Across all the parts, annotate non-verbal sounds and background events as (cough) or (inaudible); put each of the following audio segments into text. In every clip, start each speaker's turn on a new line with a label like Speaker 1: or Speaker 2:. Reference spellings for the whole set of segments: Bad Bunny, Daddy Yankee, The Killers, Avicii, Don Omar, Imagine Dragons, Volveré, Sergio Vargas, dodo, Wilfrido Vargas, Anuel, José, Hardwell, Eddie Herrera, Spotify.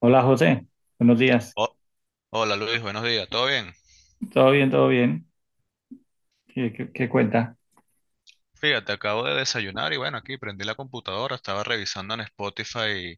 Speaker 1: Hola José, buenos días.
Speaker 2: Ho- Hola Luis, buenos días, ¿todo bien?
Speaker 1: ¿Todo bien? ¿Todo bien? ¿Qué cuenta?
Speaker 2: Fíjate, acabo de desayunar y bueno, aquí prendí la computadora, estaba revisando en Spotify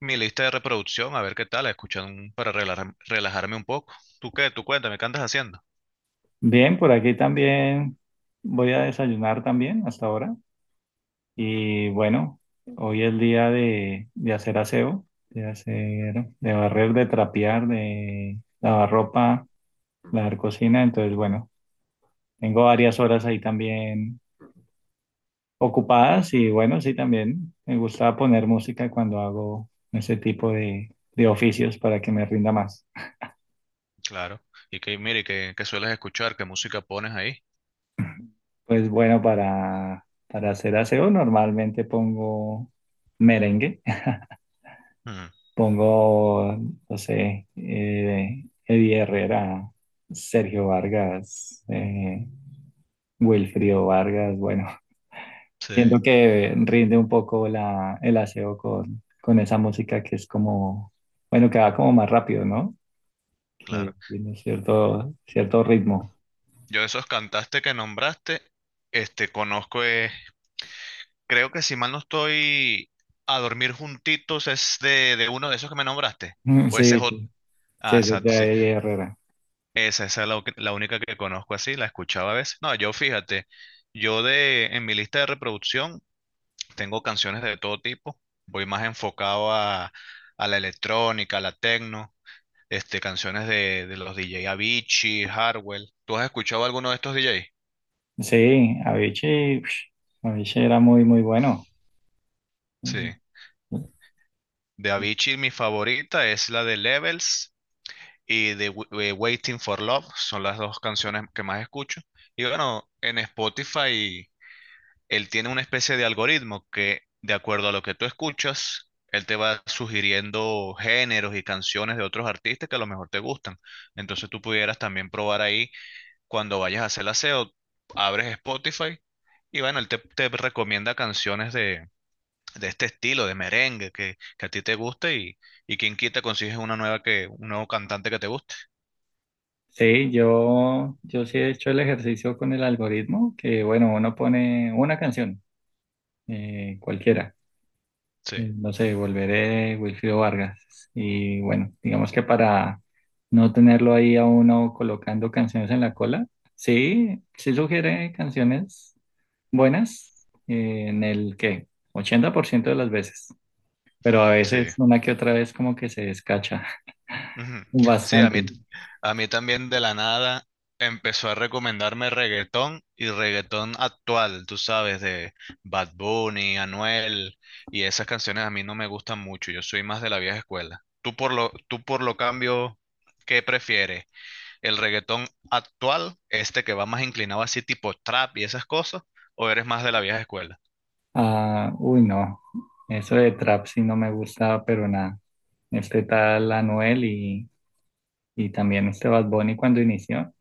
Speaker 2: mi lista de reproducción, a ver qué tal, escuchando para relajarme un poco. ¿Tú qué? ¿Tú cuéntame qué andas haciendo?
Speaker 1: Bien, por aquí también voy a desayunar también hasta ahora. Y bueno, hoy es día de hacer aseo, de hacer, de barrer, de trapear, de lavar ropa, lavar cocina. Entonces, bueno, tengo varias horas ahí también ocupadas y bueno, sí, también me gusta poner música cuando hago ese tipo de oficios para que me rinda más.
Speaker 2: Claro. Y que mire, ¿qué sueles escuchar? ¿Qué música pones ahí?
Speaker 1: Pues bueno, para hacer aseo normalmente pongo merengue, (laughs)
Speaker 2: Mm,
Speaker 1: pongo, no sé, Eddie Herrera, Sergio Vargas, Wilfrido Vargas, bueno, (laughs)
Speaker 2: sí,
Speaker 1: siento que rinde un poco la, el aseo con esa música que es como, bueno, que va como más rápido, ¿no? Que
Speaker 2: claro.
Speaker 1: tiene cierto, cierto ritmo.
Speaker 2: Yo esos cantaste que nombraste, este, conozco, creo que si mal no estoy, A Dormir Juntitos es de uno de esos que me nombraste,
Speaker 1: (laughs)
Speaker 2: o ese
Speaker 1: Sí,
Speaker 2: es otro.
Speaker 1: sí, sí,
Speaker 2: Ah,
Speaker 1: es
Speaker 2: exacto, sí.
Speaker 1: de Eddie Herrera.
Speaker 2: Esa es la única que conozco así, la escuchaba a veces. No, yo fíjate, yo de en mi lista de reproducción tengo canciones de todo tipo. Voy más enfocado a la electrónica, a la techno, este, canciones de los DJ Avicii, Hardwell. ¿Tú has escuchado alguno de estos DJ?
Speaker 1: Sí, Avicii, ush, Avicii era muy, muy bueno.
Speaker 2: Sí. De Avicii mi favorita es la de Levels y de Waiting for Love. Son las dos canciones que más escucho. Y bueno, en Spotify, él tiene una especie de algoritmo que, de acuerdo a lo que tú escuchas, él te va sugiriendo géneros y canciones de otros artistas que a lo mejor te gustan. Entonces tú pudieras también probar ahí cuando vayas a hacer el aseo, abres Spotify y bueno, él te recomienda canciones de este estilo, de merengue, que a ti te guste, y quien quita consigues una nueva que, un nuevo cantante que te guste.
Speaker 1: Sí, yo sí he hecho el ejercicio con el algoritmo, que bueno, uno pone una canción, cualquiera,
Speaker 2: Sí,
Speaker 1: no sé, Volveré, Wilfrido Vargas, y bueno, digamos que para no tenerlo ahí a uno colocando canciones en la cola, sí, sí sugiere canciones buenas, en el que 80% de las veces. Pero a
Speaker 2: sí.
Speaker 1: veces una que otra vez como que se descacha (laughs)
Speaker 2: Ujú. Sí,
Speaker 1: bastante.
Speaker 2: a mí también de la nada empezó a recomendarme reggaetón y reggaetón actual, tú sabes, de Bad Bunny, Anuel, y esas canciones a mí no me gustan mucho, yo soy más de la vieja escuela. Tú por lo cambio, ¿qué prefieres? ¿El reggaetón actual, este que va más inclinado así tipo trap y esas cosas, o eres más de la vieja escuela?
Speaker 1: Ah, uy, no, eso de trap sí no me gusta, pero nada. Este tal Anuel y también este Bad Bunny cuando inició,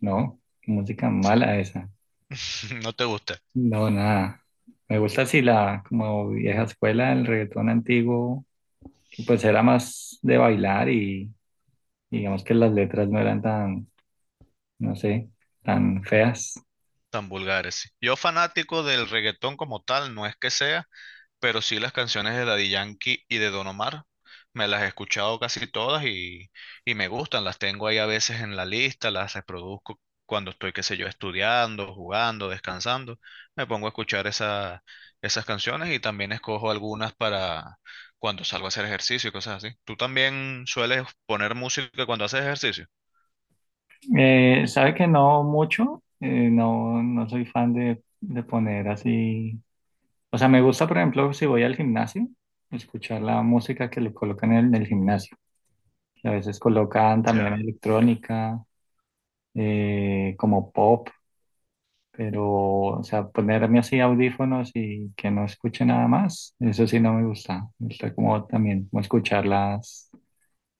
Speaker 1: no, música
Speaker 2: Sí.
Speaker 1: mala esa.
Speaker 2: (laughs) No te gusta,
Speaker 1: No, nada. Me gusta así la como vieja escuela, el reggaetón antiguo, que pues era más de bailar y digamos que las letras no eran tan, no sé, tan feas.
Speaker 2: tan vulgares. Sí. Yo fanático del reggaetón como tal, no es que sea, pero sí las canciones de Daddy Yankee y de Don Omar. Me las he escuchado casi todas, y me gustan. Las tengo ahí a veces en la lista, las reproduzco cuando estoy, qué sé yo, estudiando, jugando, descansando. Me pongo a escuchar esas canciones y también escojo algunas para cuando salgo a hacer ejercicio y cosas así. ¿Tú también sueles poner música cuando haces ejercicio?
Speaker 1: Sabe que no mucho, no, no soy fan de poner así, o sea, me gusta, por ejemplo, si voy al gimnasio, escuchar la música que le colocan en el gimnasio, que a veces colocan también
Speaker 2: Ya.
Speaker 1: electrónica, como pop, pero, o sea, ponerme así audífonos y que no escuche nada más, eso sí no me gusta, me gusta como también como escuchar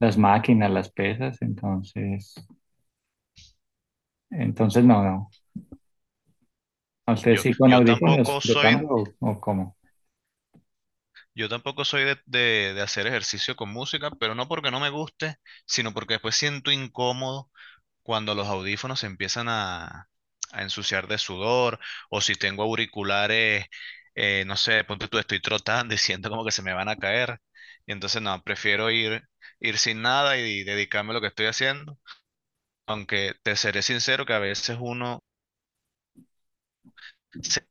Speaker 1: las máquinas, las pesas, entonces, entonces no, no. ¿A usted
Speaker 2: Yo,
Speaker 1: sí con
Speaker 2: yo
Speaker 1: audífonos
Speaker 2: tampoco soy
Speaker 1: flotando o cómo?
Speaker 2: Yo tampoco soy de, de hacer ejercicio con música, pero no porque no me guste, sino porque después siento incómodo cuando los audífonos se empiezan a ensuciar de sudor o si tengo auriculares, no sé, ponte tú, estoy trotando y siento como que se me van a caer. Y entonces no, prefiero ir sin nada y dedicarme a lo que estoy haciendo. Aunque te seré sincero que a veces uno se,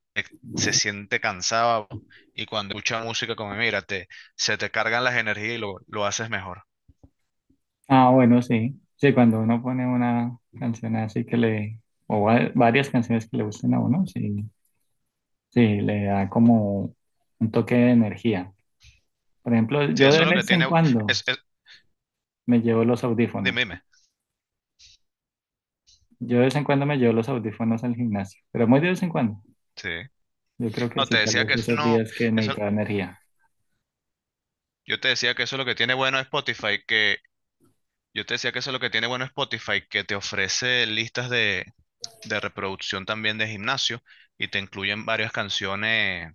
Speaker 2: se siente cansado y cuando escucha música como mira, te, se te cargan las energías y lo haces mejor.
Speaker 1: Ah, bueno, sí. Sí, cuando uno pone una canción así que le, o va- varias canciones que le gusten a uno, sí, sí, le da como un toque de energía. Por ejemplo,
Speaker 2: Sí,
Speaker 1: yo
Speaker 2: eso
Speaker 1: de
Speaker 2: es lo que
Speaker 1: Vez en
Speaker 2: tiene,
Speaker 1: cuando
Speaker 2: es, es-
Speaker 1: me llevo los
Speaker 2: dime,
Speaker 1: audífonos.
Speaker 2: dime.
Speaker 1: Yo de vez en cuando me llevo los audífonos al gimnasio, pero muy de vez en cuando.
Speaker 2: Sí.
Speaker 1: Yo creo que
Speaker 2: No,
Speaker 1: sí,
Speaker 2: te
Speaker 1: tal
Speaker 2: decía
Speaker 1: vez
Speaker 2: que eso
Speaker 1: esos
Speaker 2: no,
Speaker 1: días que
Speaker 2: eso,
Speaker 1: necesito energía.
Speaker 2: yo te decía que eso es lo que tiene bueno Spotify, que yo te decía que eso es lo que tiene bueno Spotify, que te ofrece listas de reproducción también de gimnasio y te incluyen varias canciones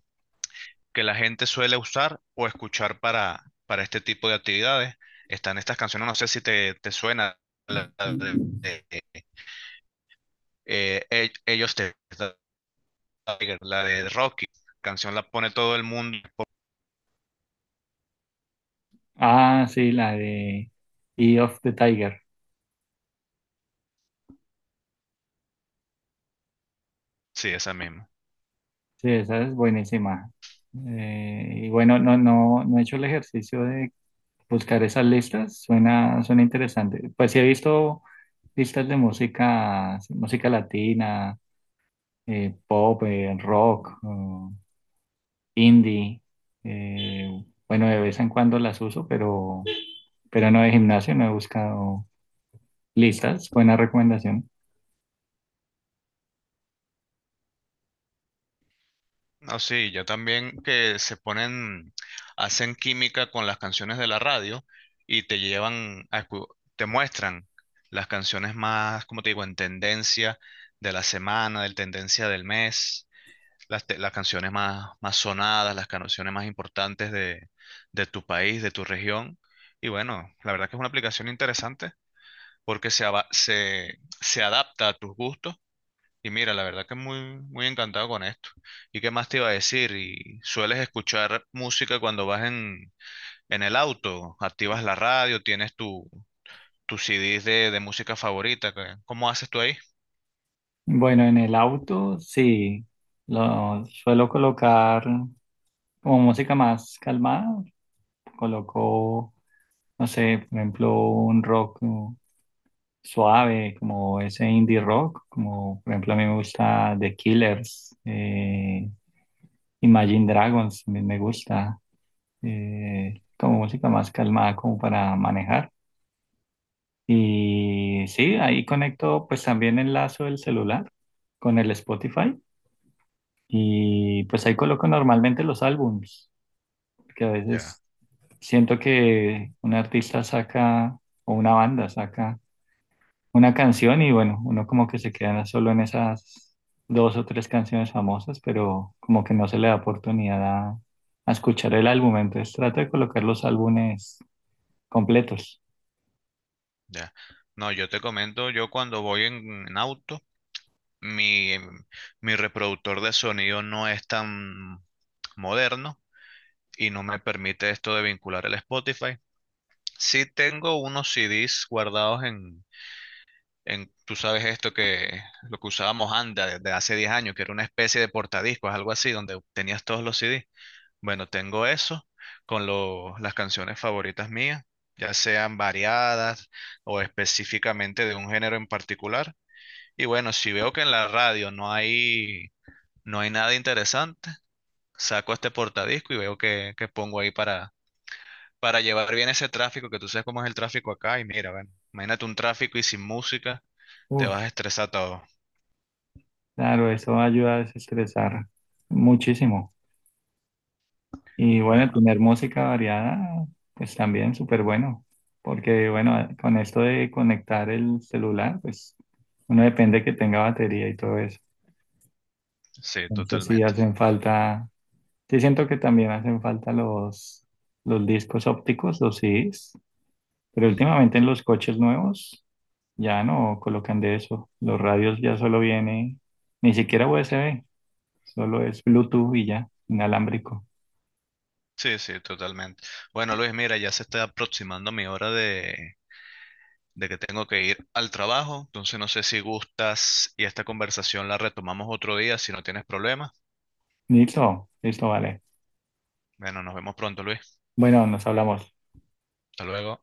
Speaker 2: que la gente suele usar o escuchar para este tipo de actividades. Están estas canciones, no sé si te suena, la de, e- Ellos te, la de Rocky, canción la pone todo el mundo.
Speaker 1: Ah, sí, la de E of the Tiger.
Speaker 2: Sí, esa misma.
Speaker 1: Sí, esa es buenísima. Y bueno, no, no, no he hecho el ejercicio de buscar esas listas, suena, suena interesante. Pues sí he visto listas de música, música latina, pop, rock, indie. Bueno, de vez en cuando las uso, pero no de gimnasio, no he buscado listas. Buena recomendación.
Speaker 2: No, sí, ya también que se ponen, hacen química con las canciones de la radio y te llevan a, te muestran las canciones más, como te digo, en tendencia de la semana, del tendencia del mes, las canciones más, más sonadas, las canciones más importantes de tu país, de tu región. Y bueno, la verdad que es una aplicación interesante porque se, se adapta a tus gustos. Y mira, la verdad que muy encantado con esto. ¿Y qué más te iba a decir? ¿Y sueles escuchar música cuando vas en el auto? ¿Activas la radio? ¿Tienes tu, tus CDs de música favorita? ¿Cómo haces tú ahí?
Speaker 1: Bueno, en el auto sí, lo suelo colocar como música más calmada, colocó, no sé, por ejemplo, un rock como suave, como ese indie rock, como por ejemplo a mí me gusta The Killers, Imagine Dragons, también me gusta, como música más calmada, como para manejar. Y sí, ahí conecto pues también el lazo del celular con el Spotify y pues ahí coloco normalmente los álbums, que a
Speaker 2: Ya,
Speaker 1: veces siento que un artista saca o una banda saca una canción y bueno, uno como que se queda solo en esas dos o tres canciones famosas, pero como que no se le da oportunidad a escuchar el álbum, entonces trato de colocar los álbumes completos.
Speaker 2: ya. No, yo te comento, yo cuando voy en auto, Mi, em, mi reproductor de sonido no es tan moderno y no me permite esto de vincular el Spotify. Sí tengo unos CDs guardados en tú sabes esto que lo que usábamos Anda desde hace 10 años, que era una especie de portadiscos, algo así, donde tenías todos los CDs. Bueno, tengo eso con las canciones favoritas mías, ya sean variadas o específicamente de un género en particular. Y bueno, si veo que en la radio no hay nada interesante, saco este portadisco y veo que pongo ahí para llevar bien ese tráfico, que tú sabes cómo es el tráfico acá y mira, bueno, imagínate un tráfico y sin música, te
Speaker 1: Uy,
Speaker 2: vas a estresar todo.
Speaker 1: claro, eso ayuda a desestresar muchísimo. Y bueno,
Speaker 2: Bueno,
Speaker 1: tener música variada, pues también súper bueno, porque bueno, con esto de conectar el celular, pues uno depende que tenga batería y todo eso.
Speaker 2: sí,
Speaker 1: Entonces sí
Speaker 2: totalmente.
Speaker 1: hacen falta sí, siento que también hacen falta los discos ópticos, los CDs, pero últimamente en los coches nuevos ya no colocan de eso. Los radios ya solo viene, ni siquiera USB, solo es Bluetooth y ya, inalámbrico.
Speaker 2: Sí, sí, totalmente. Bueno, Luis, mira, ya se está aproximando mi hora de que tengo que ir al trabajo, entonces no sé si gustas y esta conversación la retomamos otro día si no tienes problemas.
Speaker 1: Listo, listo, vale.
Speaker 2: Bueno, nos vemos pronto, Luis.
Speaker 1: Bueno, nos hablamos.
Speaker 2: Hasta luego.